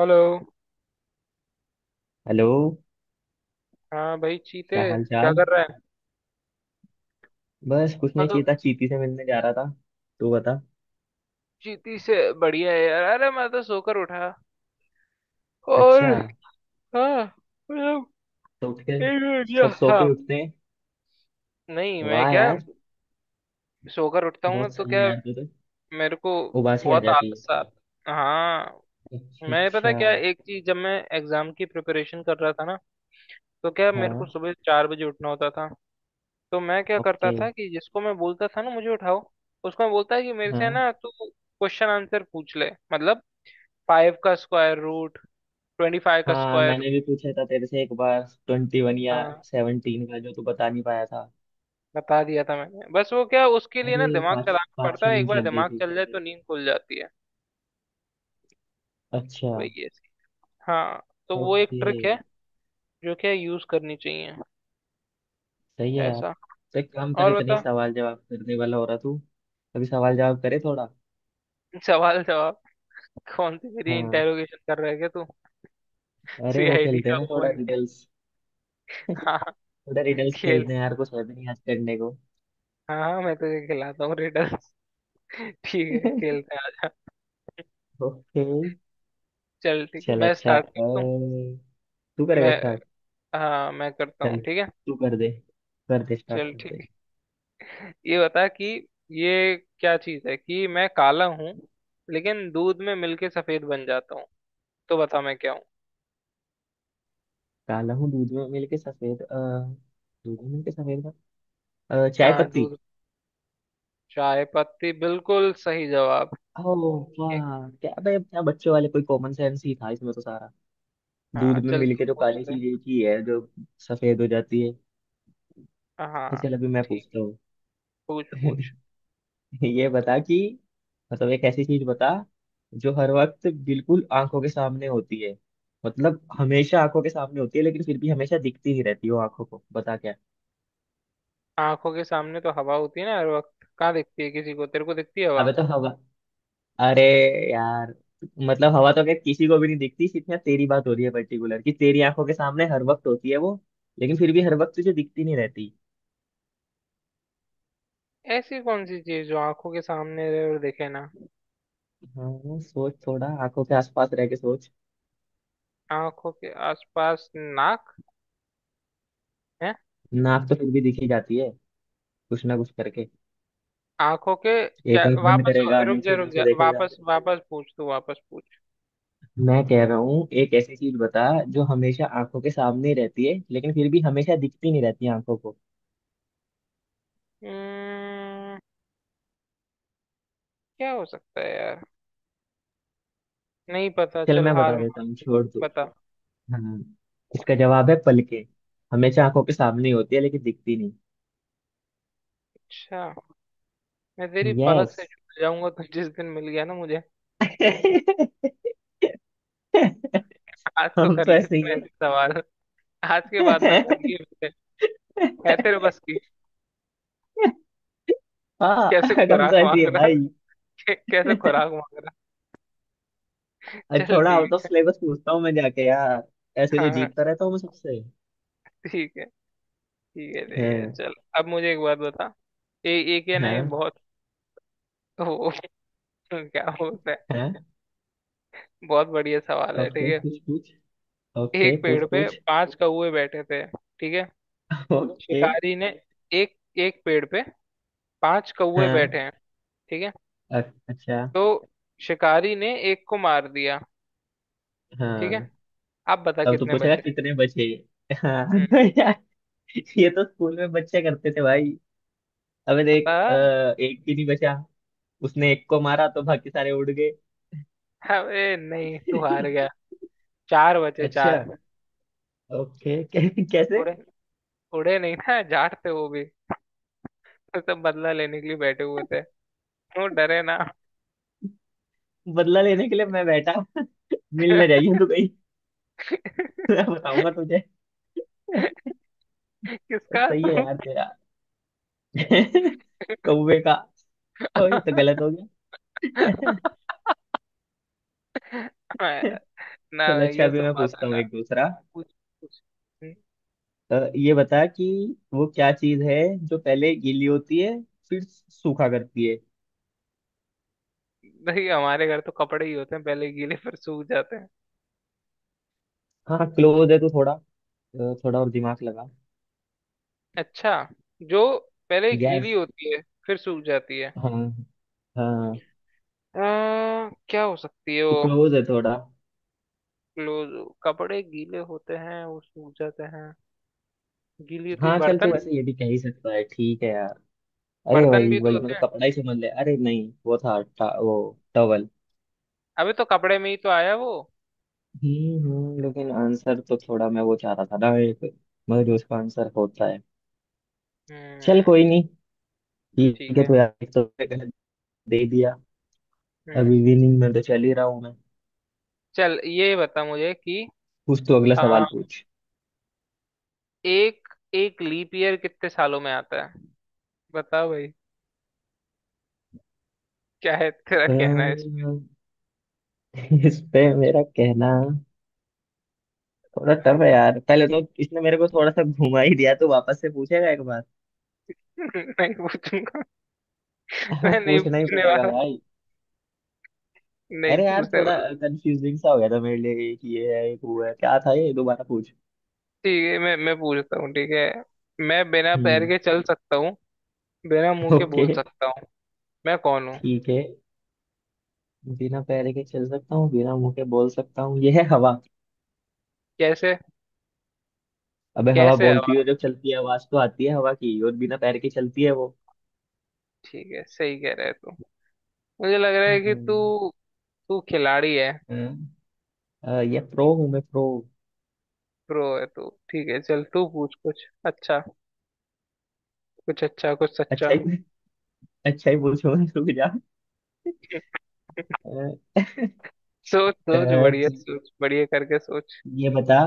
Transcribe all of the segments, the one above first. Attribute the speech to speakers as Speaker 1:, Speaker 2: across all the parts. Speaker 1: Hello.
Speaker 2: Hello.
Speaker 1: हाँ भाई, चीते
Speaker 2: क्या हाल
Speaker 1: क्या
Speaker 2: चाल।
Speaker 1: कर रहा है।
Speaker 2: बस कुछ
Speaker 1: मैं
Speaker 2: नहीं,
Speaker 1: तो
Speaker 2: चीता चीती से मिलने जा रहा था। तू बता।
Speaker 1: चीती से बढ़िया है यार। अरे मैं तो सोकर उठा और
Speaker 2: अच्छा।
Speaker 1: हाँ मतलब
Speaker 2: तो उठ के।
Speaker 1: एक मिनट, या
Speaker 2: सब सो के
Speaker 1: हाँ
Speaker 2: उठते हैं।
Speaker 1: नहीं, मैं
Speaker 2: वाह
Speaker 1: क्या
Speaker 2: यार।
Speaker 1: सोकर उठता हूँ ना
Speaker 2: बहुत
Speaker 1: तो
Speaker 2: सही है
Speaker 1: क्या
Speaker 2: यार तू तो।
Speaker 1: मेरे को
Speaker 2: उबासी आ
Speaker 1: बहुत
Speaker 2: जाती है।
Speaker 1: आलस आ। हाँ,
Speaker 2: अच्छा
Speaker 1: मैं पता
Speaker 2: अच्छा।
Speaker 1: क्या एक चीज, जब मैं एग्जाम की प्रिपरेशन कर रहा था ना, तो क्या मेरे को
Speaker 2: हाँ।
Speaker 1: सुबह 4 बजे उठना होता था। तो मैं क्या करता
Speaker 2: ओके।
Speaker 1: था कि जिसको मैं बोलता था ना मुझे उठाओ, उसको मैं बोलता कि मेरे से
Speaker 2: हाँ
Speaker 1: ना तू क्वेश्चन आंसर पूछ ले, मतलब 5 का स्क्वायर रूट, 25 का
Speaker 2: हाँ,
Speaker 1: स्क्वायर
Speaker 2: मैंने
Speaker 1: रूट।
Speaker 2: भी पूछा था तेरे से एक बार, 21 या
Speaker 1: हाँ,
Speaker 2: 17 का, जो तू बता नहीं पाया था।
Speaker 1: बता दिया था मैंने। बस वो क्या, उसके लिए ना
Speaker 2: अरे।
Speaker 1: दिमाग
Speaker 2: पाँच
Speaker 1: चलाना
Speaker 2: पाँच
Speaker 1: पड़ता
Speaker 2: छः
Speaker 1: है, एक
Speaker 2: मिनट
Speaker 1: बार
Speaker 2: लग गई
Speaker 1: दिमाग
Speaker 2: थी।
Speaker 1: चल जाए तो नींद खुल जाती है।
Speaker 2: अच्छा।
Speaker 1: वही है सीन। हाँ, तो वो एक
Speaker 2: ओके।
Speaker 1: ट्रिक है जो क्या यूज करनी चाहिए
Speaker 2: सही है यार।
Speaker 1: ऐसा।
Speaker 2: तो एक काम कर,
Speaker 1: और
Speaker 2: इतने ही
Speaker 1: बता,
Speaker 2: सवाल जवाब करने वाला हो रहा तू। अभी सवाल जवाब करे थोड़ा।
Speaker 1: सवाल जवाब कौन सी मेरी
Speaker 2: हाँ।
Speaker 1: इंटेरोगेशन कर रहा है क्या तू।
Speaker 2: अरे वो
Speaker 1: सीआईडी
Speaker 2: खेलते
Speaker 1: का
Speaker 2: हैं ना
Speaker 1: वो
Speaker 2: थोड़ा
Speaker 1: बन के।
Speaker 2: रिडल्स।
Speaker 1: हाँ।
Speaker 2: थोड़ा रिडल्स
Speaker 1: खेल।
Speaker 2: खेलते हैं यार, कुछ है भी नहीं आज करने को।
Speaker 1: हाँ हाँ, मैं तुझे खिलाता हूँ रिडल्स। ठीक है, खेलते हैं, आजा।
Speaker 2: ओके।
Speaker 1: चल ठीक है,
Speaker 2: चल
Speaker 1: मैं
Speaker 2: अच्छा,
Speaker 1: स्टार्ट करता हूँ।
Speaker 2: तू करेगा
Speaker 1: मैं।
Speaker 2: स्टार्ट।
Speaker 1: हाँ, मैं करता
Speaker 2: चल
Speaker 1: हूँ, ठीक है।
Speaker 2: तू कर दे। कर दे, स्टार्ट
Speaker 1: चल
Speaker 2: कर
Speaker 1: ठीक
Speaker 2: दे।
Speaker 1: है, ये बता कि ये क्या चीज है कि मैं काला हूँ लेकिन दूध में मिलके सफेद बन जाता हूँ। तो बता मैं क्या हूँ।
Speaker 2: काला हूँ दूध में मिलके सफेद, दूध में मिलके सफेद, चाय
Speaker 1: हाँ
Speaker 2: पत्ती।
Speaker 1: दूध, चाय पत्ती, बिल्कुल सही जवाब।
Speaker 2: ओ। वाह क्या भाई, क्या बच्चों वाले, कोई कॉमन सेंस ही था इसमें तो सारा। दूध
Speaker 1: हाँ
Speaker 2: में
Speaker 1: चल,
Speaker 2: मिलके
Speaker 1: तू
Speaker 2: जो
Speaker 1: पूछ
Speaker 2: काली
Speaker 1: ले।
Speaker 2: चीज एक ही है जो सफेद हो जाती है।
Speaker 1: हाँ,
Speaker 2: तो चल अभी मैं
Speaker 1: ठीक,
Speaker 2: पूछता हूँ।
Speaker 1: पूछ पूछ।
Speaker 2: ये बता कि। मतलब एक ऐसी चीज बता। जो हर वक्त बिल्कुल आंखों के सामने होती है। मतलब हमेशा आंखों के सामने होती है, लेकिन फिर भी हमेशा दिखती नहीं रहती वो आंखों को, बता क्या।
Speaker 1: आंखों के सामने तो हवा होती है ना हर वक्त, कहाँ दिखती है किसी को, तेरे को दिखती है हवा।
Speaker 2: अबे तो हवा। अरे। यार। मतलब हवा तो क्या किसी को भी नहीं दिखती, सिर्फ यहाँ तेरी बात हो रही है पर्टिकुलर कि तेरी आंखों के सामने हर वक्त होती है वो। लेकिन फिर भी हर वक्त तुझे दिखती नहीं रहती।
Speaker 1: ऐसी कौन सी चीज जो आंखों के सामने रहे और दिखे ना।
Speaker 2: हाँ, सोच थोड़ा आंखों के आसपास रह के सोच।
Speaker 1: आंखों के आसपास नाक है।
Speaker 2: नाक तो फिर भी दिखी जाती है। कुछ ना कुछ करके।
Speaker 1: आंखों के क्या
Speaker 2: एक आंख बंद
Speaker 1: वापस,
Speaker 2: करेगा,
Speaker 1: रुक जा
Speaker 2: नीचे
Speaker 1: रुक
Speaker 2: नीचे
Speaker 1: जा,
Speaker 2: देखेगा।
Speaker 1: वापस वापस पूछ, तू वापस पूछ।
Speaker 2: मैं कह रहा हूँ एक ऐसी चीज बता। जो हमेशा आंखों के सामने ही रहती है, लेकिन फिर भी हमेशा दिखती नहीं रहती आंखों को।
Speaker 1: हम्म, क्या हो सकता है यार। नहीं पता,
Speaker 2: चल
Speaker 1: चल
Speaker 2: मैं
Speaker 1: हार
Speaker 2: बता देता
Speaker 1: मान
Speaker 2: हूँ,
Speaker 1: ली।
Speaker 2: छोड़ दो।
Speaker 1: बता।
Speaker 2: हाँ। इसका जवाब है पलके। हमेशा आंखों के सामने ही होती है लेकिन दिखती नहीं।
Speaker 1: अच्छा, मैं तेरी पलक
Speaker 2: यस।
Speaker 1: से छूट जाऊंगा तो जिस दिन मिल गया ना मुझे। आज तो
Speaker 2: हम
Speaker 1: कर
Speaker 2: तो
Speaker 1: लिए
Speaker 2: ऐसे ही
Speaker 1: तूने
Speaker 2: है।
Speaker 1: ऐसे सवाल। आज के बाद ना कर लिए मुझे। है तेरे बस की।
Speaker 2: हाँ।
Speaker 1: कैसे
Speaker 2: हम तो
Speaker 1: खुराक
Speaker 2: ऐसे ही
Speaker 1: मांग
Speaker 2: है
Speaker 1: रहा।
Speaker 2: भाई।
Speaker 1: कैसे खुराक मांग रहा।
Speaker 2: आज
Speaker 1: चल
Speaker 2: थोड़ा आउट ऑफ
Speaker 1: ठीक
Speaker 2: सिलेबस पूछता हूँ मैं जाके यार। ऐसे
Speaker 1: है।
Speaker 2: तो
Speaker 1: हाँ हाँ,
Speaker 2: जीतता रहता हूँ मैं सबसे।
Speaker 1: ठीक है, ठीक है, ठीक है,
Speaker 2: हाँ
Speaker 1: चल। अब मुझे एक बात बता। ए, एक है ना ये
Speaker 2: हाँ।
Speaker 1: बहुत वो, क्या बोलते हैं,
Speaker 2: हाँ।
Speaker 1: बहुत बढ़िया सवाल है, ठीक
Speaker 2: ओके
Speaker 1: है।
Speaker 2: पूछ पूछ। ओके
Speaker 1: एक
Speaker 2: पूछ
Speaker 1: पेड़ पे
Speaker 2: पूछ।
Speaker 1: 5 कौवे बैठे थे, ठीक है।
Speaker 2: ओके।
Speaker 1: शिकारी ने, एक एक पेड़ पे 5 कौवे बैठे
Speaker 2: हाँ।
Speaker 1: हैं, ठीक है।
Speaker 2: अ- अच्छा।
Speaker 1: तो शिकारी ने एक को मार दिया, ठीक है।
Speaker 2: हाँ।
Speaker 1: आप बता
Speaker 2: तब तो
Speaker 1: कितने
Speaker 2: पूछेगा
Speaker 1: बचे।
Speaker 2: कितने बचे। हाँ
Speaker 1: हम्म
Speaker 2: यार। ये तो स्कूल में बच्चे करते थे भाई। अबे देख,
Speaker 1: पता।
Speaker 2: एक भी नहीं बचा। उसने एक को मारा तो बाकी सारे उड़ गए।
Speaker 1: अरे नहीं, तू हार गया। 4 बचे,
Speaker 2: अच्छा।
Speaker 1: 4।
Speaker 2: ओके, कैसे।
Speaker 1: उड़े, उड़े नहीं ना, जाट थे वो भी, तो सब बदला लेने के लिए बैठे हुए थे, वो डरे ना।
Speaker 2: बदला लेने के लिए मैं बैठा। मिल ना जाइए तू कहीं। मैं बताऊंगा तुझे।
Speaker 1: किसका
Speaker 2: सही है
Speaker 1: तुम।
Speaker 2: यार तेरा। कौवे का। ओ ये तो गलत हो गया।
Speaker 1: ना
Speaker 2: चल
Speaker 1: ना,
Speaker 2: अच्छा,
Speaker 1: ये
Speaker 2: अभी
Speaker 1: सब
Speaker 2: मैं
Speaker 1: बात है
Speaker 2: पूछता हूँ
Speaker 1: ना।
Speaker 2: एक दूसरा।
Speaker 1: पूछ पूछ। हम्म।
Speaker 2: ये बता कि। वो क्या चीज है। जो पहले गीली होती है। फिर सूखा करती है।
Speaker 1: नहीं, हमारे घर तो कपड़े ही होते हैं, पहले गीले फिर सूख जाते हैं।
Speaker 2: हाँ क्लोज है तो थोड़ा। थोड़ा और दिमाग लगा।
Speaker 1: अच्छा, जो पहले
Speaker 2: यस।
Speaker 1: गीली होती है फिर सूख जाती है
Speaker 2: हाँ। हाँ।
Speaker 1: क्या हो सकती है वो।
Speaker 2: क्लोज है थोड़ा।
Speaker 1: क्लोज, कपड़े गीले होते हैं वो सूख जाते हैं। गीली होती है
Speaker 2: हाँ चल, तो
Speaker 1: बर्तन,
Speaker 2: वैसे ये भी कह ही सकता है, ठीक है यार। अरे
Speaker 1: बर्तन
Speaker 2: वही
Speaker 1: भी तो
Speaker 2: वही,
Speaker 1: होते
Speaker 2: मतलब
Speaker 1: हैं।
Speaker 2: कपड़ा ही समझ ले, अरे नहीं वो था, वो टवल।
Speaker 1: अबे तो कपड़े में ही तो आया वो।
Speaker 2: लेकिन आंसर तो थोड़ा मैं वो चाह रहा था ना एक। मगर जो उसका आंसर होता है। चल कोई
Speaker 1: हम्म।
Speaker 2: नहीं। ठीक
Speaker 1: ठीक
Speaker 2: है
Speaker 1: है।
Speaker 2: तो यार, एक तो मैंने गलत दे दिया।
Speaker 1: हम्म।
Speaker 2: अभी विनिंग में तो चल ही रहा हूँ मैं।
Speaker 1: चल ये बता मुझे कि
Speaker 2: पूछ तो अगला
Speaker 1: आ,
Speaker 2: सवाल पूछ।
Speaker 1: एक एक लीप ईयर कितने सालों में आता है। बताओ भाई, क्या है तेरा कहना है इस
Speaker 2: अम्म, इस पे मेरा कहना। थोड़ा टफ है यार, पहले तो इसने मेरे को थोड़ा सा घुमा ही दिया, तो वापस से पूछेगा एक बार।
Speaker 1: पे? नहीं पूछूंगा,
Speaker 2: हाँ,
Speaker 1: मैं नहीं
Speaker 2: पूछना ही
Speaker 1: पूछने
Speaker 2: पड़ेगा
Speaker 1: वाला,
Speaker 2: भाई।
Speaker 1: नहीं
Speaker 2: अरे यार
Speaker 1: पूछने
Speaker 2: थोड़ा।
Speaker 1: वाला।
Speaker 2: कंफ्यूजिंग सा हो गया था मेरे लिए, एक ये है एक वो है, क्या था ये दोबारा पूछ।
Speaker 1: ठीक है, मैं पूछता हूँ, ठीक है। मैं बिना पैर
Speaker 2: हम्म।
Speaker 1: के चल सकता हूँ, बिना मुंह के
Speaker 2: ओके।
Speaker 1: बोल सकता हूँ, मैं कौन हूँ।
Speaker 2: ठीक है। बिना पैर के चल सकता हूँ, बिना मुंह के बोल सकता हूँ, ये है हवा।
Speaker 1: कैसे,
Speaker 2: अबे हवा
Speaker 1: कैसे
Speaker 2: बोलती
Speaker 1: हवा।
Speaker 2: है जब चलती है, आवाज तो आती है हवा की, और बिना पैर के चलती है वो।
Speaker 1: ठीक है, सही कह रहे तू। मुझे लग रहा है कि
Speaker 2: हम्म।
Speaker 1: तू, तू खिलाड़ी है।
Speaker 2: हाँ, ये प्रो हूँ मैं प्रो।
Speaker 1: प्रो है तू, ठीक है, चल तू पूछ कुछ अच्छा, कुछ अच्छा कुछ
Speaker 2: अच्छा
Speaker 1: सच्चा।
Speaker 2: ही। अच्छा ही पूछूंगा रुक जा। अ,
Speaker 1: सोच
Speaker 2: अ,
Speaker 1: सोच, बढ़िया
Speaker 2: तू
Speaker 1: सोच, बढ़िया करके सोच।
Speaker 2: ये बता।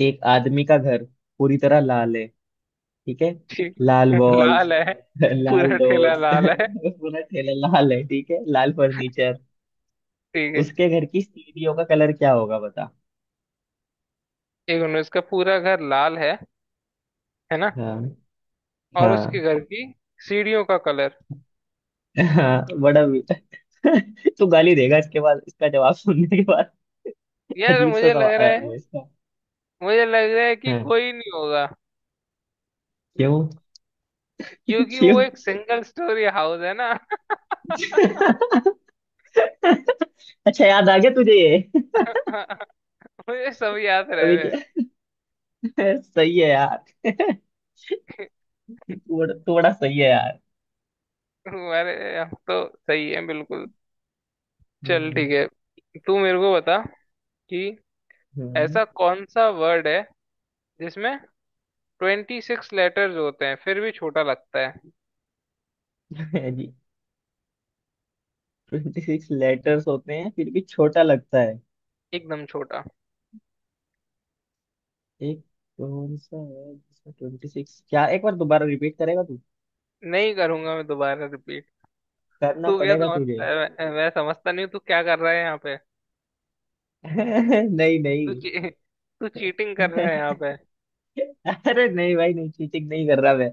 Speaker 2: एक आदमी का घर पूरी तरह लाल है, ठीक है।
Speaker 1: ठीक
Speaker 2: लाल
Speaker 1: है।
Speaker 2: वॉल्स।
Speaker 1: लाल है,
Speaker 2: लाल
Speaker 1: पूरा ठेला
Speaker 2: डोर्स।
Speaker 1: लाल है,
Speaker 2: पूरा ठेला लाल है, ठीक है, लाल फर्नीचर।
Speaker 1: ठीक है।
Speaker 2: उसके घर की सीढ़ियों का कलर क्या होगा बता।
Speaker 1: एक मिनट, इसका पूरा घर लाल है ना।
Speaker 2: हाँ
Speaker 1: और उसके
Speaker 2: हाँ।
Speaker 1: घर की सीढ़ियों का कलर,
Speaker 2: हाँ, तू गाली देगा इसके बाद, इसका जवाब सुनने के बाद।
Speaker 1: यार
Speaker 2: अजीब सा
Speaker 1: मुझे लग
Speaker 2: सवाल,
Speaker 1: रहा
Speaker 2: वो
Speaker 1: है,
Speaker 2: इसका।
Speaker 1: मुझे लग रहा है कि
Speaker 2: हाँ।
Speaker 1: कोई नहीं होगा,
Speaker 2: क्यों।
Speaker 1: क्योंकि वो
Speaker 2: क्यों।
Speaker 1: एक सिंगल स्टोरी हाउस है ना।
Speaker 2: अच्छा, याद आ गया तुझे ये।
Speaker 1: मुझे सब याद रह
Speaker 2: अभी
Speaker 1: गए।
Speaker 2: क्या- सही है यार। थोड़ा थोड़ा सही है यार।
Speaker 1: अरे हम तो सही है बिल्कुल। चल
Speaker 2: हम्म
Speaker 1: ठीक है, तू मेरे को बता कि
Speaker 2: हम्म।
Speaker 1: ऐसा कौन सा वर्ड है जिसमें 26 लेटर्स होते हैं फिर भी छोटा लगता है,
Speaker 2: जी। 26 लेटर्स होते हैं फिर भी छोटा लगता है।
Speaker 1: एकदम छोटा।
Speaker 2: एक। कौन सा है जिसमें 26, क्या एक बार दोबारा रिपीट करेगा तू।
Speaker 1: नहीं करूंगा मैं दोबारा रिपीट।
Speaker 2: करना
Speaker 1: तू क्या
Speaker 2: पड़ेगा तुझे।
Speaker 1: समझता है, मैं समझता नहीं हूँ तू क्या कर रहा है यहाँ पे।
Speaker 2: नहीं
Speaker 1: तू
Speaker 2: नहीं।
Speaker 1: ची, तू चीटिंग कर रहा है यहाँ पे।
Speaker 2: अरे नहीं भाई, नहीं चीटिंग नहीं कर रहा मैं।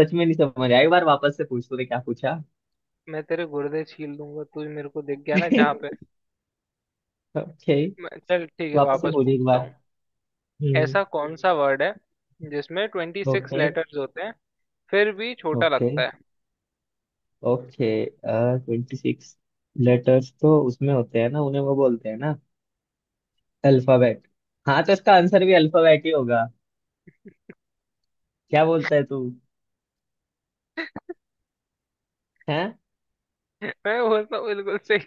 Speaker 2: सच में नहीं समझ आया, एक बार वापस से पूछ तूने क्या पूछा।
Speaker 1: मैं तेरे गुर्दे छील दूंगा, तू मेरे को दिख गया ना जहाँ पे।
Speaker 2: ओके।
Speaker 1: चल ठीक है,
Speaker 2: वापस से
Speaker 1: वापस
Speaker 2: पूछ एक
Speaker 1: पूछता
Speaker 2: बार।
Speaker 1: हूँ।
Speaker 2: हम्म।
Speaker 1: ऐसा कौन सा वर्ड है जिसमें ट्वेंटी सिक्स
Speaker 2: ओके।
Speaker 1: लेटर्स होते हैं फिर भी छोटा
Speaker 2: ओके।
Speaker 1: लगता है।
Speaker 2: ओके, 26 लेटर्स तो उसमें होते हैं ना, उन्हें वो बोलते हैं ना। अल्फाबेट। हाँ तो इसका आंसर भी अल्फाबेट ही होगा। क्या बोलता है तू। हैं।
Speaker 1: मैं बोलता हूँ बिल्कुल सही,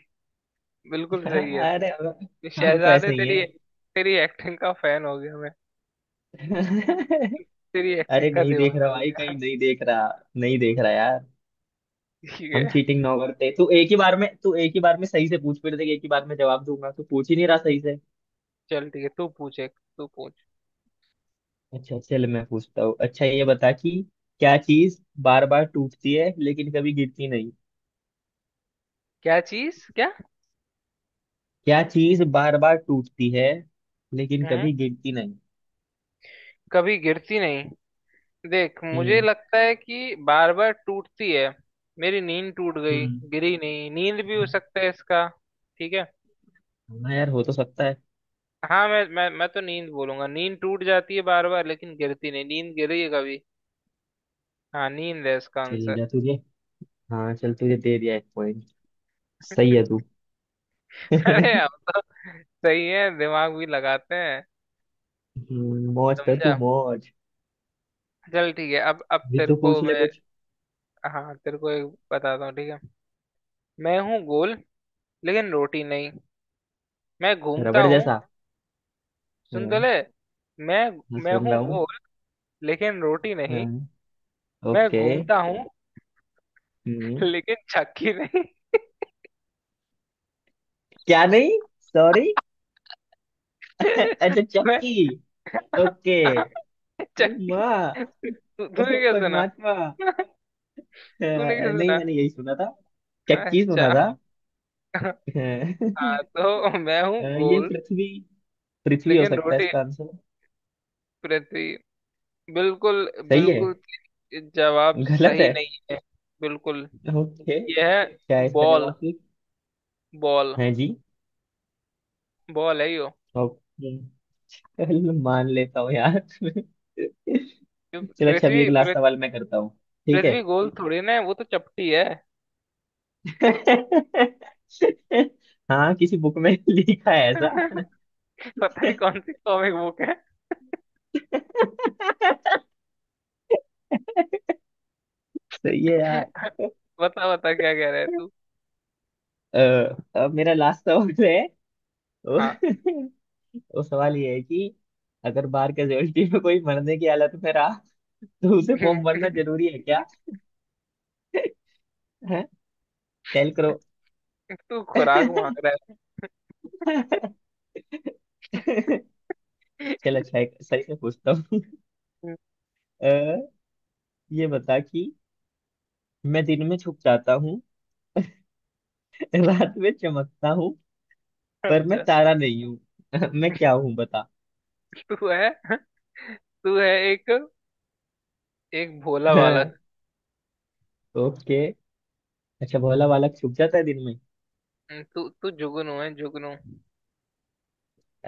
Speaker 1: बिल्कुल सही है
Speaker 2: अरे
Speaker 1: तू।
Speaker 2: हम। हम तो
Speaker 1: शहजादे,
Speaker 2: ऐसे ही
Speaker 1: तेरी
Speaker 2: हैं।
Speaker 1: तेरी एक्टिंग का फैन हो गया मैं, तेरी एक्टिंग
Speaker 2: अरे
Speaker 1: का
Speaker 2: नहीं देख
Speaker 1: दीवाना
Speaker 2: रहा
Speaker 1: हो
Speaker 2: भाई,
Speaker 1: गया।
Speaker 2: कहीं नहीं देख रहा। नहीं देख रहा यार।
Speaker 1: ठीक
Speaker 2: हम
Speaker 1: है,
Speaker 2: चीटिंग ना करते, तू एक ही बार में तू एक ही बार में सही से पूछ, फिर देख एक ही बार में जवाब दूंगा, तू पूछ ही नहीं रहा सही से।
Speaker 1: चल ठीक है, तू पूछ, एक तू पूछ।
Speaker 2: अच्छा चल मैं पूछता हूँ, अच्छा ये बता कि। क्या चीज बार बार टूटती है लेकिन कभी गिरती नहीं।
Speaker 1: क्या चीज, क्या।
Speaker 2: क्या चीज बार बार टूटती है लेकिन
Speaker 1: हम्म,
Speaker 2: कभी गिरती नहीं।
Speaker 1: कभी गिरती नहीं। देख मुझे
Speaker 2: हम्म।
Speaker 1: लगता है कि बार बार टूटती है, मेरी नींद टूट गई,
Speaker 2: हम्म।
Speaker 1: गिरी नहीं, नींद भी हो सकता है इसका, ठीक है।
Speaker 2: हाँ यार, हो तो सकता है।
Speaker 1: हाँ, मैं तो नींद बोलूंगा, नींद टूट जाती है बार बार लेकिन गिरती नहीं, नींद गिरी है कभी। हाँ, नींद है इसका
Speaker 2: चल
Speaker 1: आंसर।
Speaker 2: जा तुझे। हाँ चल, तुझे दे दिया एक पॉइंट। सही है तू।
Speaker 1: अरे हम
Speaker 2: हम्म।
Speaker 1: तो सही है, दिमाग भी लगाते हैं,
Speaker 2: मौज कर
Speaker 1: समझा।
Speaker 2: तू मौज।
Speaker 1: चल ठीक है, अब
Speaker 2: भी
Speaker 1: तेरे
Speaker 2: तू
Speaker 1: को
Speaker 2: पूछ ले
Speaker 1: मैं,
Speaker 2: कुछ।
Speaker 1: हाँ तेरे को एक बताता हूँ, ठीक है। मैं हूँ गोल लेकिन रोटी नहीं, मैं घूमता
Speaker 2: रबड़
Speaker 1: हूँ,
Speaker 2: जैसा।
Speaker 1: सुन तो
Speaker 2: हम्म।
Speaker 1: ले। मैं
Speaker 2: मैं
Speaker 1: मैं
Speaker 2: सुन
Speaker 1: हूँ
Speaker 2: रहा हूँ।
Speaker 1: गोल लेकिन रोटी नहीं,
Speaker 2: हम्म।
Speaker 1: मैं
Speaker 2: ओके।
Speaker 1: घूमता हूँ,
Speaker 2: हम्म।
Speaker 1: लेकिन चक्की नहीं।
Speaker 2: क्या नहीं, सॉरी। अच्छा
Speaker 1: मैं
Speaker 2: चक्की। ओके।
Speaker 1: चक्की।
Speaker 2: माँ। ओ।
Speaker 1: तूने क्या सुना।
Speaker 2: परमात्मा।
Speaker 1: तूने क्या
Speaker 2: नहीं
Speaker 1: सुना।
Speaker 2: मैंने यही सुना था। चक्की
Speaker 1: अच्छा।
Speaker 2: सुना था। हैं।
Speaker 1: हाँ तो मैं हूँ
Speaker 2: ये
Speaker 1: गोल
Speaker 2: पृथ्वी। पृथ्वी हो
Speaker 1: लेकिन
Speaker 2: सकता है
Speaker 1: रोटी,
Speaker 2: इसका आंसर।
Speaker 1: पृथ्वी, बिल्कुल
Speaker 2: सही है।
Speaker 1: बिल्कुल, जवाब
Speaker 2: गलत
Speaker 1: सही
Speaker 2: है।
Speaker 1: नहीं है बिल्कुल।
Speaker 2: ओके,
Speaker 1: यह
Speaker 2: क्या
Speaker 1: है
Speaker 2: है इसका
Speaker 1: बॉल,
Speaker 2: जवाब फिर?
Speaker 1: बॉल,
Speaker 2: हाँ जी।
Speaker 1: बॉल है यो।
Speaker 2: ओके। चल मान लेता हूँ यार। चलो अच्छा,
Speaker 1: पृथ्वी
Speaker 2: अभी एक
Speaker 1: पृथ-
Speaker 2: लास्ट सवाल मैं करता हूँ। ठीक है।
Speaker 1: पृथ्वी गोल थोड़ी ना है, वो तो चपटी
Speaker 2: हाँ, किसी बुक में लिखा है
Speaker 1: है।
Speaker 2: ऐसा।
Speaker 1: पता नहीं कौन सी कॉमिक बुक है।
Speaker 2: सही है यार।
Speaker 1: बता बता क्या कह रहा है तू।
Speaker 2: अ, अब मेरा लास्ट सवाल जो है। वो,
Speaker 1: हाँ।
Speaker 2: वो सवाल ये है कि। अगर बार कैजुअलिटी में कोई मरने की हालत में रहा। तो उसे फॉर्म भरना जरूरी है। है। टेल करो।
Speaker 1: तू खुराक मांग रहा है।
Speaker 2: चल अच्छा है, सही से पूछता हूँ। अ, ये बता कि। मैं दिन में छुप जाता हूँ। रात में चमकता हूँ। पर मैं
Speaker 1: अच्छा,
Speaker 2: तारा नहीं हूँ। मैं क्या हूँ बता।
Speaker 1: तू है, तू है एक, एक भोला बालक।
Speaker 2: ओके। अच्छा, भोला वाला छुप जाता है दिन में।
Speaker 1: तू तू जुगनू है, जुगनू।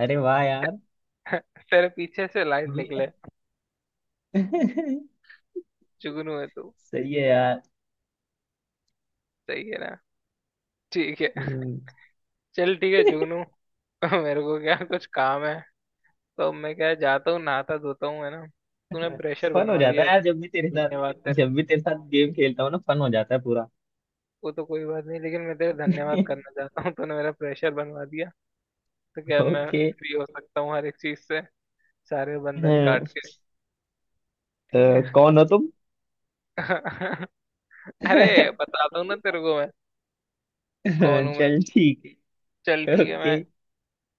Speaker 2: अरे वाह यार।
Speaker 1: तेरे पीछे से लाइट
Speaker 2: ये।
Speaker 1: निकले, जुगनू है तू,
Speaker 2: सही है यार।
Speaker 1: सही है ना। ठीक है, चल ठीक है जुगनू। मेरे को क्या कुछ काम है, तो मैं क्या जाता हूँ, नहाता धोता हूँ, है ना। तूने प्रेशर
Speaker 2: फन हो
Speaker 1: बनवा
Speaker 2: जाता
Speaker 1: दिया,
Speaker 2: है यार जब भी तेरे
Speaker 1: धन्यवाद
Speaker 2: साथ।
Speaker 1: तेरे।
Speaker 2: जब भी तेरे साथ गेम खेलता हूँ ना, फन हो जाता है पूरा।
Speaker 1: वो तो कोई बात नहीं, लेकिन मैं तेरा धन्यवाद करना चाहता हूँ, तूने मेरा प्रेशर बनवा दिया। तो क्या मैं
Speaker 2: ओके।
Speaker 1: फ्री हो सकता हूँ हर एक चीज से, सारे बंधन
Speaker 2: हाँ,
Speaker 1: काट के, ठीक है।
Speaker 2: कौन हो तुम।
Speaker 1: अरे बता दूँ ना तेरे को, मैं कौन हूँ मैं।
Speaker 2: चल ठीक
Speaker 1: चल
Speaker 2: है।
Speaker 1: ठीक है, मैं
Speaker 2: ओके।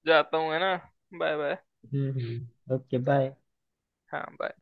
Speaker 1: जाता हूँ, है ना। Bye bye.
Speaker 2: Hmm, okay bye.
Speaker 1: हाँ bye।